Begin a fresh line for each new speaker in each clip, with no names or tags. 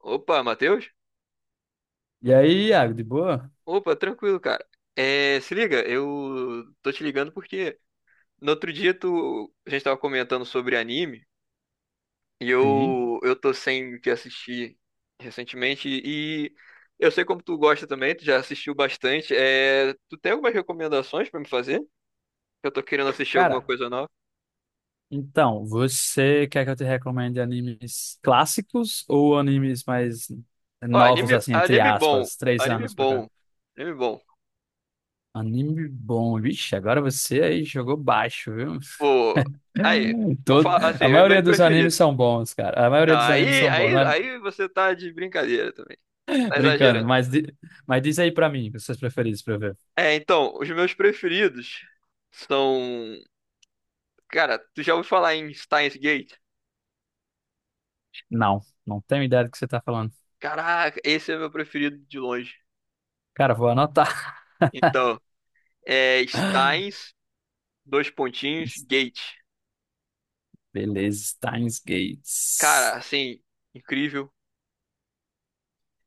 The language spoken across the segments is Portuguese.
Opa, Matheus?
E aí, Iago, de boa?
Opa, tranquilo, cara. É, se liga, eu tô te ligando porque no outro dia tu, a gente tava comentando sobre anime e
Sim.
eu tô sem o que assistir recentemente e eu sei como tu gosta também, tu já assistiu bastante. É, tu tem algumas recomendações pra me fazer? Eu tô querendo assistir alguma
Cara,
coisa nova.
então, você quer que eu te recomende animes clássicos ou animes mais
Ó,
novos,
anime, não,
assim, entre
anime legal. Bom,
aspas, três
anime
anos pra cá?
bom, anime bom.
Anime bom, vixe, agora você aí jogou baixo, viu?
Pô, aí, vou
Todo...
falar assim,
A
os
maioria
meus
dos animes
preferidos.
são bons, cara. A maioria
Não,
dos animes
aí,
são bons,
aí,
mas
aí você tá de brincadeira também. Tá
brincando,
exagerando.
mas, mas diz aí pra mim, os seus preferidos pra eu ver.
É, então, os meus preferidos são. Cara, tu já ouviu falar em Steins Gate?
Não, não tenho ideia do que você tá falando.
Caraca, esse é meu preferido de longe.
Cara, vou anotar.
Então, é Steins, dois pontinhos, Gate.
Beleza, Steins Gates.
Cara, assim, incrível.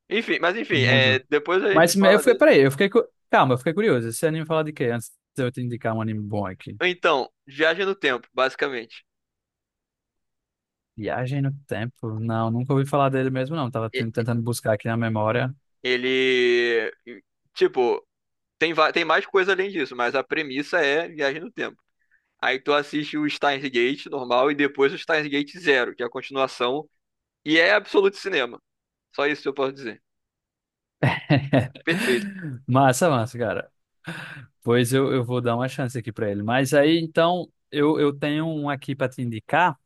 Enfim, mas enfim, é,
Muito.
depois a
Mas
gente
eu
fala
fiquei,
dele.
peraí, eu fiquei. Calma, eu fiquei curioso. Esse anime fala de quê? Antes de eu te indicar um anime bom aqui.
Então, Viagem no Tempo, basicamente.
Viagem no Tempo? Não, nunca ouvi falar dele mesmo, não. Tava
E-
tentando buscar aqui na memória.
Ele. Tipo, tem, tem mais coisa além disso, mas a premissa é Viagem no Tempo. Aí tu assiste o Steins Gate normal e depois o Steins Gate Zero, que é a continuação. E é absoluto cinema. Só isso que eu posso dizer. Perfeito.
Massa, massa, cara. Pois eu, vou dar uma chance aqui pra ele. Mas aí, então, eu, tenho um aqui pra te indicar.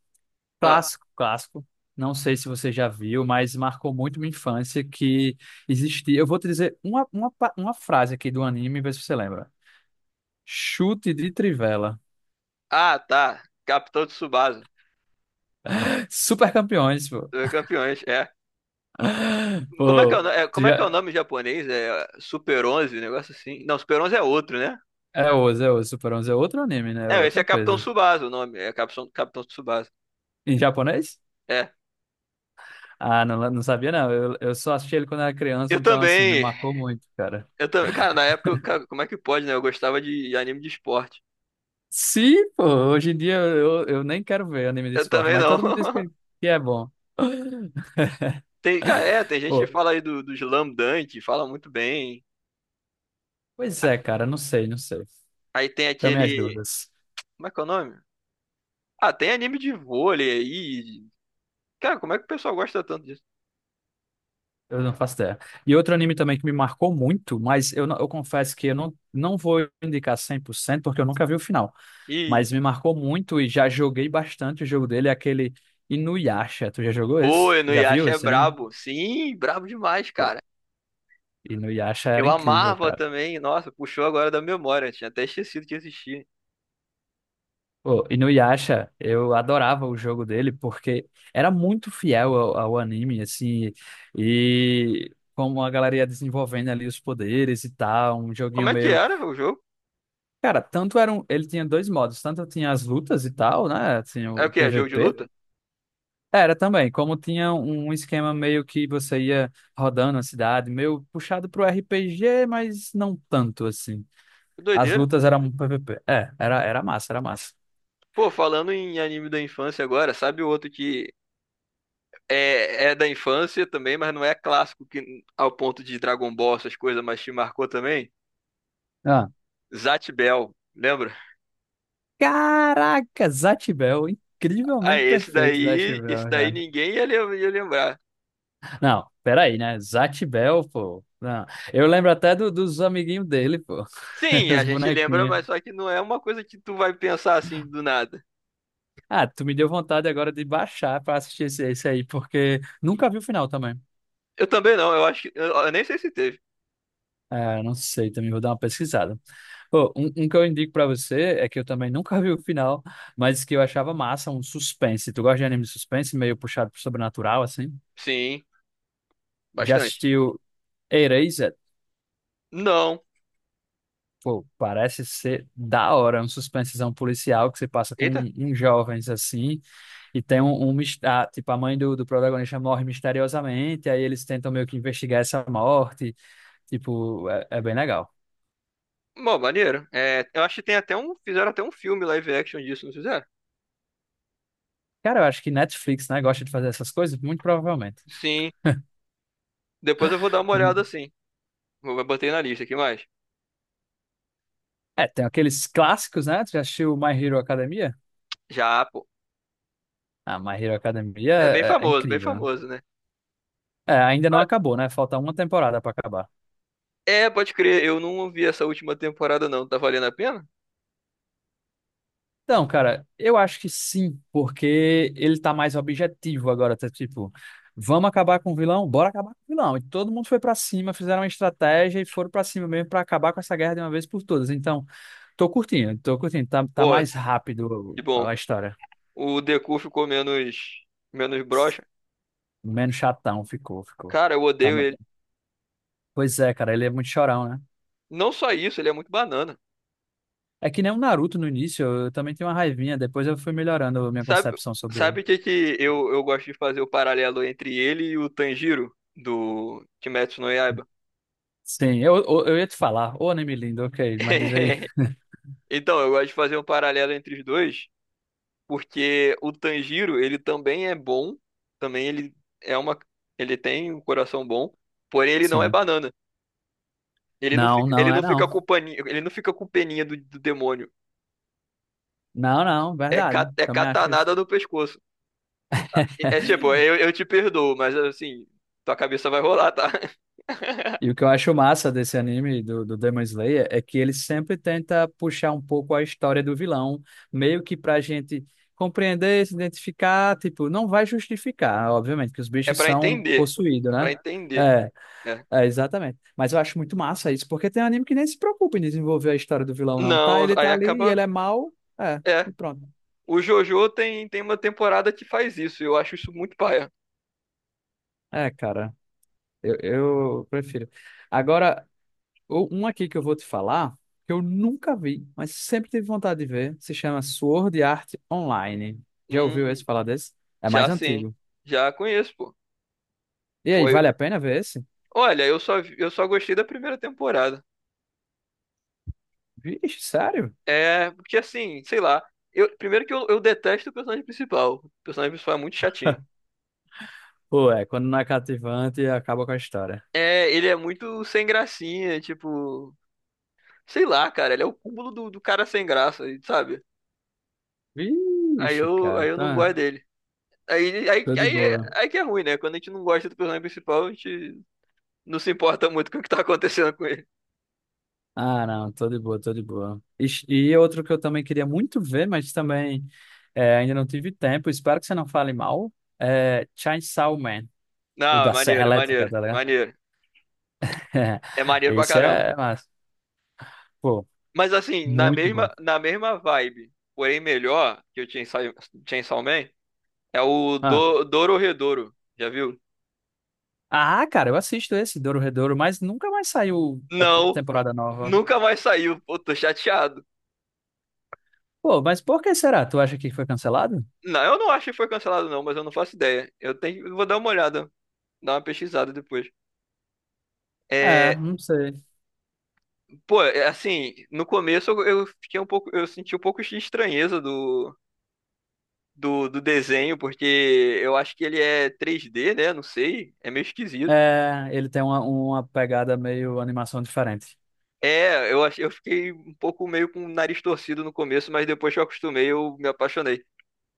Ah,
Clássico, clássico. Não sei se você já viu, mas marcou muito minha infância que existia. Eu vou te dizer uma, uma frase aqui do anime, ver se você lembra. Chute de trivela.
ah, tá. Capitão Tsubasa.
Super Campeões, pô.
Dois Campeões, é. Como é que é
Pô,
o, é,
tu
como é que é
já...
o nome em japonês? É Super 11, um negócio assim. Não, Super 11 é outro, né?
É Oz, é Oz. Super 11 é outro anime, né? É
É, esse é
outra
Capitão
coisa.
Tsubasa o nome. É Capitão, Capitão Tsubasa.
Em japonês?
É.
Ah, não, não sabia, não. Eu, só assisti ele quando era criança,
Eu
então, assim, me
também.
marcou muito, cara.
Eu também. Cara, na época, cara, como é que pode, né? Eu gostava de anime de esporte.
Sim, pô. Hoje em dia eu, nem quero ver anime de
Eu
esporte,
também
mas
não.
todo mundo diz que é bom.
Tem, cara, é, tem gente que
Pô,
fala aí do Slam Dunk, fala muito bem.
pois é, cara. Não sei, não sei.
Aí tem
Também as
aquele.
dúvidas.
Como é que é o nome? Ah, tem anime de vôlei aí. Cara, como é que o pessoal gosta tanto disso?
Eu não faço ideia. E outro anime também que me marcou muito, mas eu, eu confesso que eu não, não vou indicar 100% porque eu nunca vi o final.
E,
Mas me marcou muito e já joguei bastante o jogo dele, é aquele Inuyasha. Tu já jogou
pô,
esse?
no
Já viu
Inuyasha é
esse anime?
brabo. Sim, brabo demais,
Pô,
cara.
Inuyasha
Eu
era incrível,
amava
cara.
também. Nossa, puxou agora da memória. Tinha até esquecido que existia.
Pô, Inuyasha, eu adorava o jogo dele porque era muito fiel ao, ao anime, assim, e como a galera ia desenvolvendo ali os poderes e tal, um
Como
joguinho
é que
meio...
era o jogo?
Cara, tanto era um... ele tinha dois modos, tanto tinha as lutas e tal, né, tinha
É o
o
que? É jogo de
PVP.
luta?
Era também, como tinha um esquema meio que você ia rodando a cidade, meio puxado pro RPG, mas não tanto assim.
Que
As
doideira.
lutas eram um PVP. É, era, era massa, era massa.
Pô, falando em anime da infância agora, sabe o outro que é da infância também, mas não é clássico que, ao ponto de Dragon Ball, essas coisas, mas te marcou também.
Ah.
Zatch Bell, lembra?
Caraca, Zatibel,
Ah,
incrivelmente perfeito
esse
Zatibel,
daí
cara.
ninguém ia, ia lembrar.
Não, peraí, né? Zatibel, pô. Não. Eu lembro até dos amiguinhos dele, pô.
Sim, a
Os
gente lembra,
bonequinhos.
mas só que não é uma coisa que tu vai pensar assim do nada.
Ah, tu me deu vontade agora de baixar pra assistir esse, esse aí, porque nunca vi o final também.
Eu também não, eu acho que. Eu nem sei se teve.
Ah, não sei, também vou dar uma pesquisada. Pô, um, que eu indico pra você é que eu também nunca vi o final, mas que eu achava massa, um suspense. Tu gosta de anime de suspense, meio puxado pro sobrenatural, assim?
Sim,
Já
bastante.
assistiu Erased?
Não.
Pô, parece ser da hora, é um suspensezão policial que você passa com
Eita.
um, uns jovens, assim, e tem um, um ah, tipo, a mãe do, do protagonista morre misteriosamente, aí eles tentam meio que investigar essa morte, tipo, é, é bem legal.
Bom, maneiro. É, eu acho que tem até um. Fizeram até um filme live action disso, não fizeram?
Cara, eu acho que Netflix, né, gosta de fazer essas coisas, muito provavelmente.
Sim. Depois eu vou dar uma olhada assim. Botei na lista aqui mais.
É, tem aqueles clássicos, né? Tu já assistiu My Hero Academia?
Já, pô.
Ah, My Hero Academia
É
é, é
bem
incrível, né?
famoso, né?
É, ainda não
Ah,
acabou, né? Falta uma temporada pra acabar.
é, pode crer, eu não ouvi essa última temporada, não. Tá valendo a pena?
Então, cara, eu acho que sim, porque ele tá mais objetivo agora, tá tipo, vamos acabar com o vilão? Bora acabar com o vilão. E todo mundo foi pra cima, fizeram uma estratégia e foram pra cima mesmo pra acabar com essa guerra de uma vez por todas. Então, tô curtindo, tô curtindo. Tá, tá
Pô,
mais rápido
que bom.
a história.
O Deku ficou menos, menos broxa.
Menos chatão ficou, ficou.
Cara, eu
Tá-
odeio ele.
pois é, cara, ele é muito chorão, né?
Não só isso, ele é muito banana.
É que nem o Naruto no início, eu também tinha uma raivinha, depois eu fui melhorando a minha
Sabe,
concepção sobre ele.
sabe o que que eu gosto de fazer o paralelo entre ele e o Tanjiro do Kimetsu no Yaiba?
Sim, eu, ia te falar, ô anime lindo, ok, mas diz aí.
Então, eu gosto de fazer um paralelo entre os dois. Porque o Tanjiro, ele também é bom, também ele é uma, ele tem um coração bom, porém ele não é
Sim.
banana.
Não,
Ele
não é
não
não.
fica com paninho, ele não fica com peninha do demônio.
Não, não,
É,
verdade.
é
Também acho isso.
catanada no pescoço. É tipo, eu te perdoo, mas assim, tua cabeça vai rolar, tá?
E o que eu acho massa desse anime do, do Demon Slayer é que ele sempre tenta puxar um pouco a história do vilão, meio que pra gente compreender, se identificar, tipo, não vai justificar, obviamente, que os
É
bichos
pra
são
entender,
possuídos,
é pra
né?
entender.
É.
É.
É, exatamente. Mas eu acho muito massa isso, porque tem anime que nem se preocupa em desenvolver a história do vilão, não. Tá,
Não,
ele
aí
tá ali e
acaba,
ele é mau, é,
é.
e pronto.
O JoJo tem, tem uma temporada que faz isso, eu acho isso muito paia.
É, cara, eu, prefiro. Agora, um aqui que eu vou te falar, que eu nunca vi, mas sempre tive vontade de ver, se chama Sword Art Online. Já ouviu
Hum,
esse falar desse? É
já
mais
sim,
antigo.
já conheço, pô.
E aí,
Foi,
vale a pena ver esse?
olha, eu só, eu só gostei da primeira temporada.
Vixe, sério?
É, porque assim, sei lá. Eu, primeiro que eu detesto o personagem principal. O personagem principal é muito chatinho.
Pô, é, quando não é cativante, acaba com a história.
É, ele é muito sem gracinha, tipo. Sei lá, cara, ele é o cúmulo do cara sem graça, sabe?
Vixe, cara,
Aí eu não
tá,
gosto dele. Aí, aí,
tô de
aí,
boa.
aí que é ruim, né? Quando a gente não gosta do personagem principal, a gente não se importa muito com o que tá acontecendo com ele.
Ah, não, tô de boa, tô de boa. E outro que eu também queria muito ver, mas também é, ainda não tive tempo, espero que você não fale mal, é Chainsaw Man, o
Não, é
da Serra Elétrica, tá ligado?
maneiro. É maneiro pra
Esse
caramba.
é, mas, pô,
Mas assim,
muito bom.
na mesma vibe, porém melhor que o Chainsaw, Chainsaw Man, é o
Ah,
Dororedoro. Já viu?
ah, cara, eu assisto esse, Dororedoro, mas nunca mais saiu a
Não,
temporada nova.
nunca mais saiu. Pô, tô chateado.
Pô, mas por que será? Tu acha que foi cancelado?
Não, eu não acho que foi cancelado, não, mas eu não faço ideia. Eu tenho, eu vou dar uma olhada, dar uma pesquisada depois.
É,
É,
não sei.
pô, é assim, no começo eu fiquei um pouco, eu senti um pouco de estranheza do, do desenho, porque eu acho que ele é 3D, né? Não sei, é meio esquisito.
É, ele tem uma pegada meio animação diferente.
É, eu, eu fiquei um pouco meio com o nariz torcido no começo, mas depois que eu acostumei, eu me apaixonei.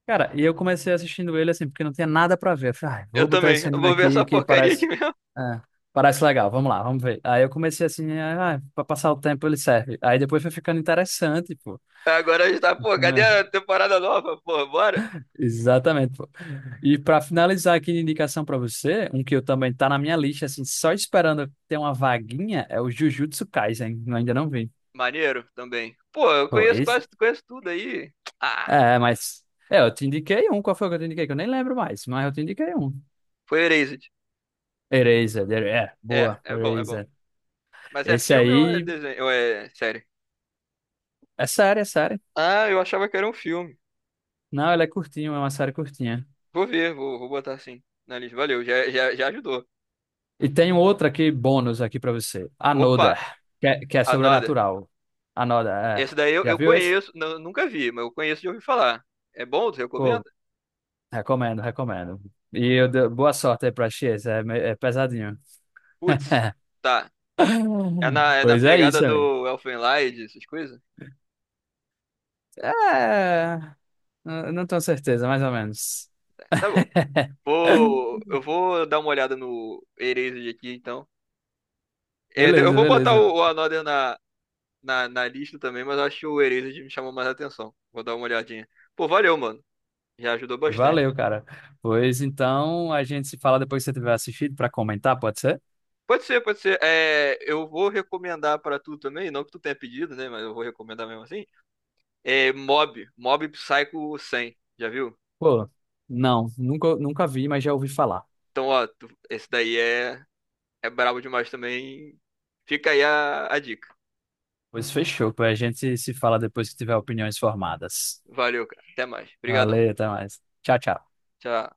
Cara, e eu comecei assistindo ele assim, porque não tinha nada pra ver. Eu falei, ai,
Eu
vou botar
também.
esse
Eu
anime
vou ver
aqui
essa
que
porcaria aqui
parece,
mesmo.
é, parece legal, vamos lá, vamos ver. Aí eu comecei assim, ah, pra passar o tempo ele serve. Aí depois foi ficando interessante, pô.
Agora a gente tá, pô, cadê
É,
a temporada nova? Pô, bora.
exatamente, pô. E pra finalizar aqui de indicação pra você, um que eu também tá na minha lista, assim, só esperando ter uma vaguinha, é o Jujutsu Kaisen, eu ainda não vi.
Maneiro também. Pô, eu
Pô,
conheço
esse?
quase, conheço tudo aí. Ah,
É, mas. É, eu te indiquei um, qual foi que eu te indiquei? Que eu nem lembro mais, mas eu te indiquei um.
foi Erased.
Eraser, é,
É,
boa,
é bom, é bom.
Eraser.
Mas é
Esse
filme ou é
aí
desenho? Ou é série?
é série, é série.
Ah, eu achava que era um filme.
Não, ela é curtinha, é uma série curtinha.
Vou ver, vou, vou botar assim na lista. Valeu, já, já, já ajudou.
E tem outra aqui, bônus aqui pra você.
Opa,
Another, que é
another.
sobrenatural. Another, é.
Esse daí eu,
Já
eu
viu esse?
conheço, não, nunca vi, mas eu conheço de ouvir falar. É bom? Tu recomenda?
Pô, recomendo, recomendo. E eu boa sorte aí pra X, é, é pesadinho.
Putz, tá. É na
Pois é
pegada
isso, amigo.
do Elfenlied, essas coisas?
É, não tenho certeza, mais ou menos.
Tá, tá bom. Vou, eu vou dar uma olhada no Erased aqui, então. É, eu
Beleza,
vou botar
beleza.
o Another na, na, na lista também, mas acho que o Erased me chamou mais atenção. Vou dar uma olhadinha. Pô, valeu, mano. Já ajudou bastante.
Valeu, cara. Pois então, a gente se fala depois que você tiver assistido pra comentar, pode ser?
Pode ser, pode ser. É, eu vou recomendar pra tu também, não que tu tenha pedido, né? Mas eu vou recomendar mesmo assim. É Mob, Mob Psycho 100, já viu?
Pô, não, nunca, nunca vi, mas já ouvi falar.
Então, ó, esse daí é, é brabo demais também. Fica aí a dica.
Pois fechou, pô, a gente se fala depois que tiver opiniões formadas.
Valeu, cara. Até mais. Obrigadão.
Valeu, até mais. Tchau, tchau.
Tchau.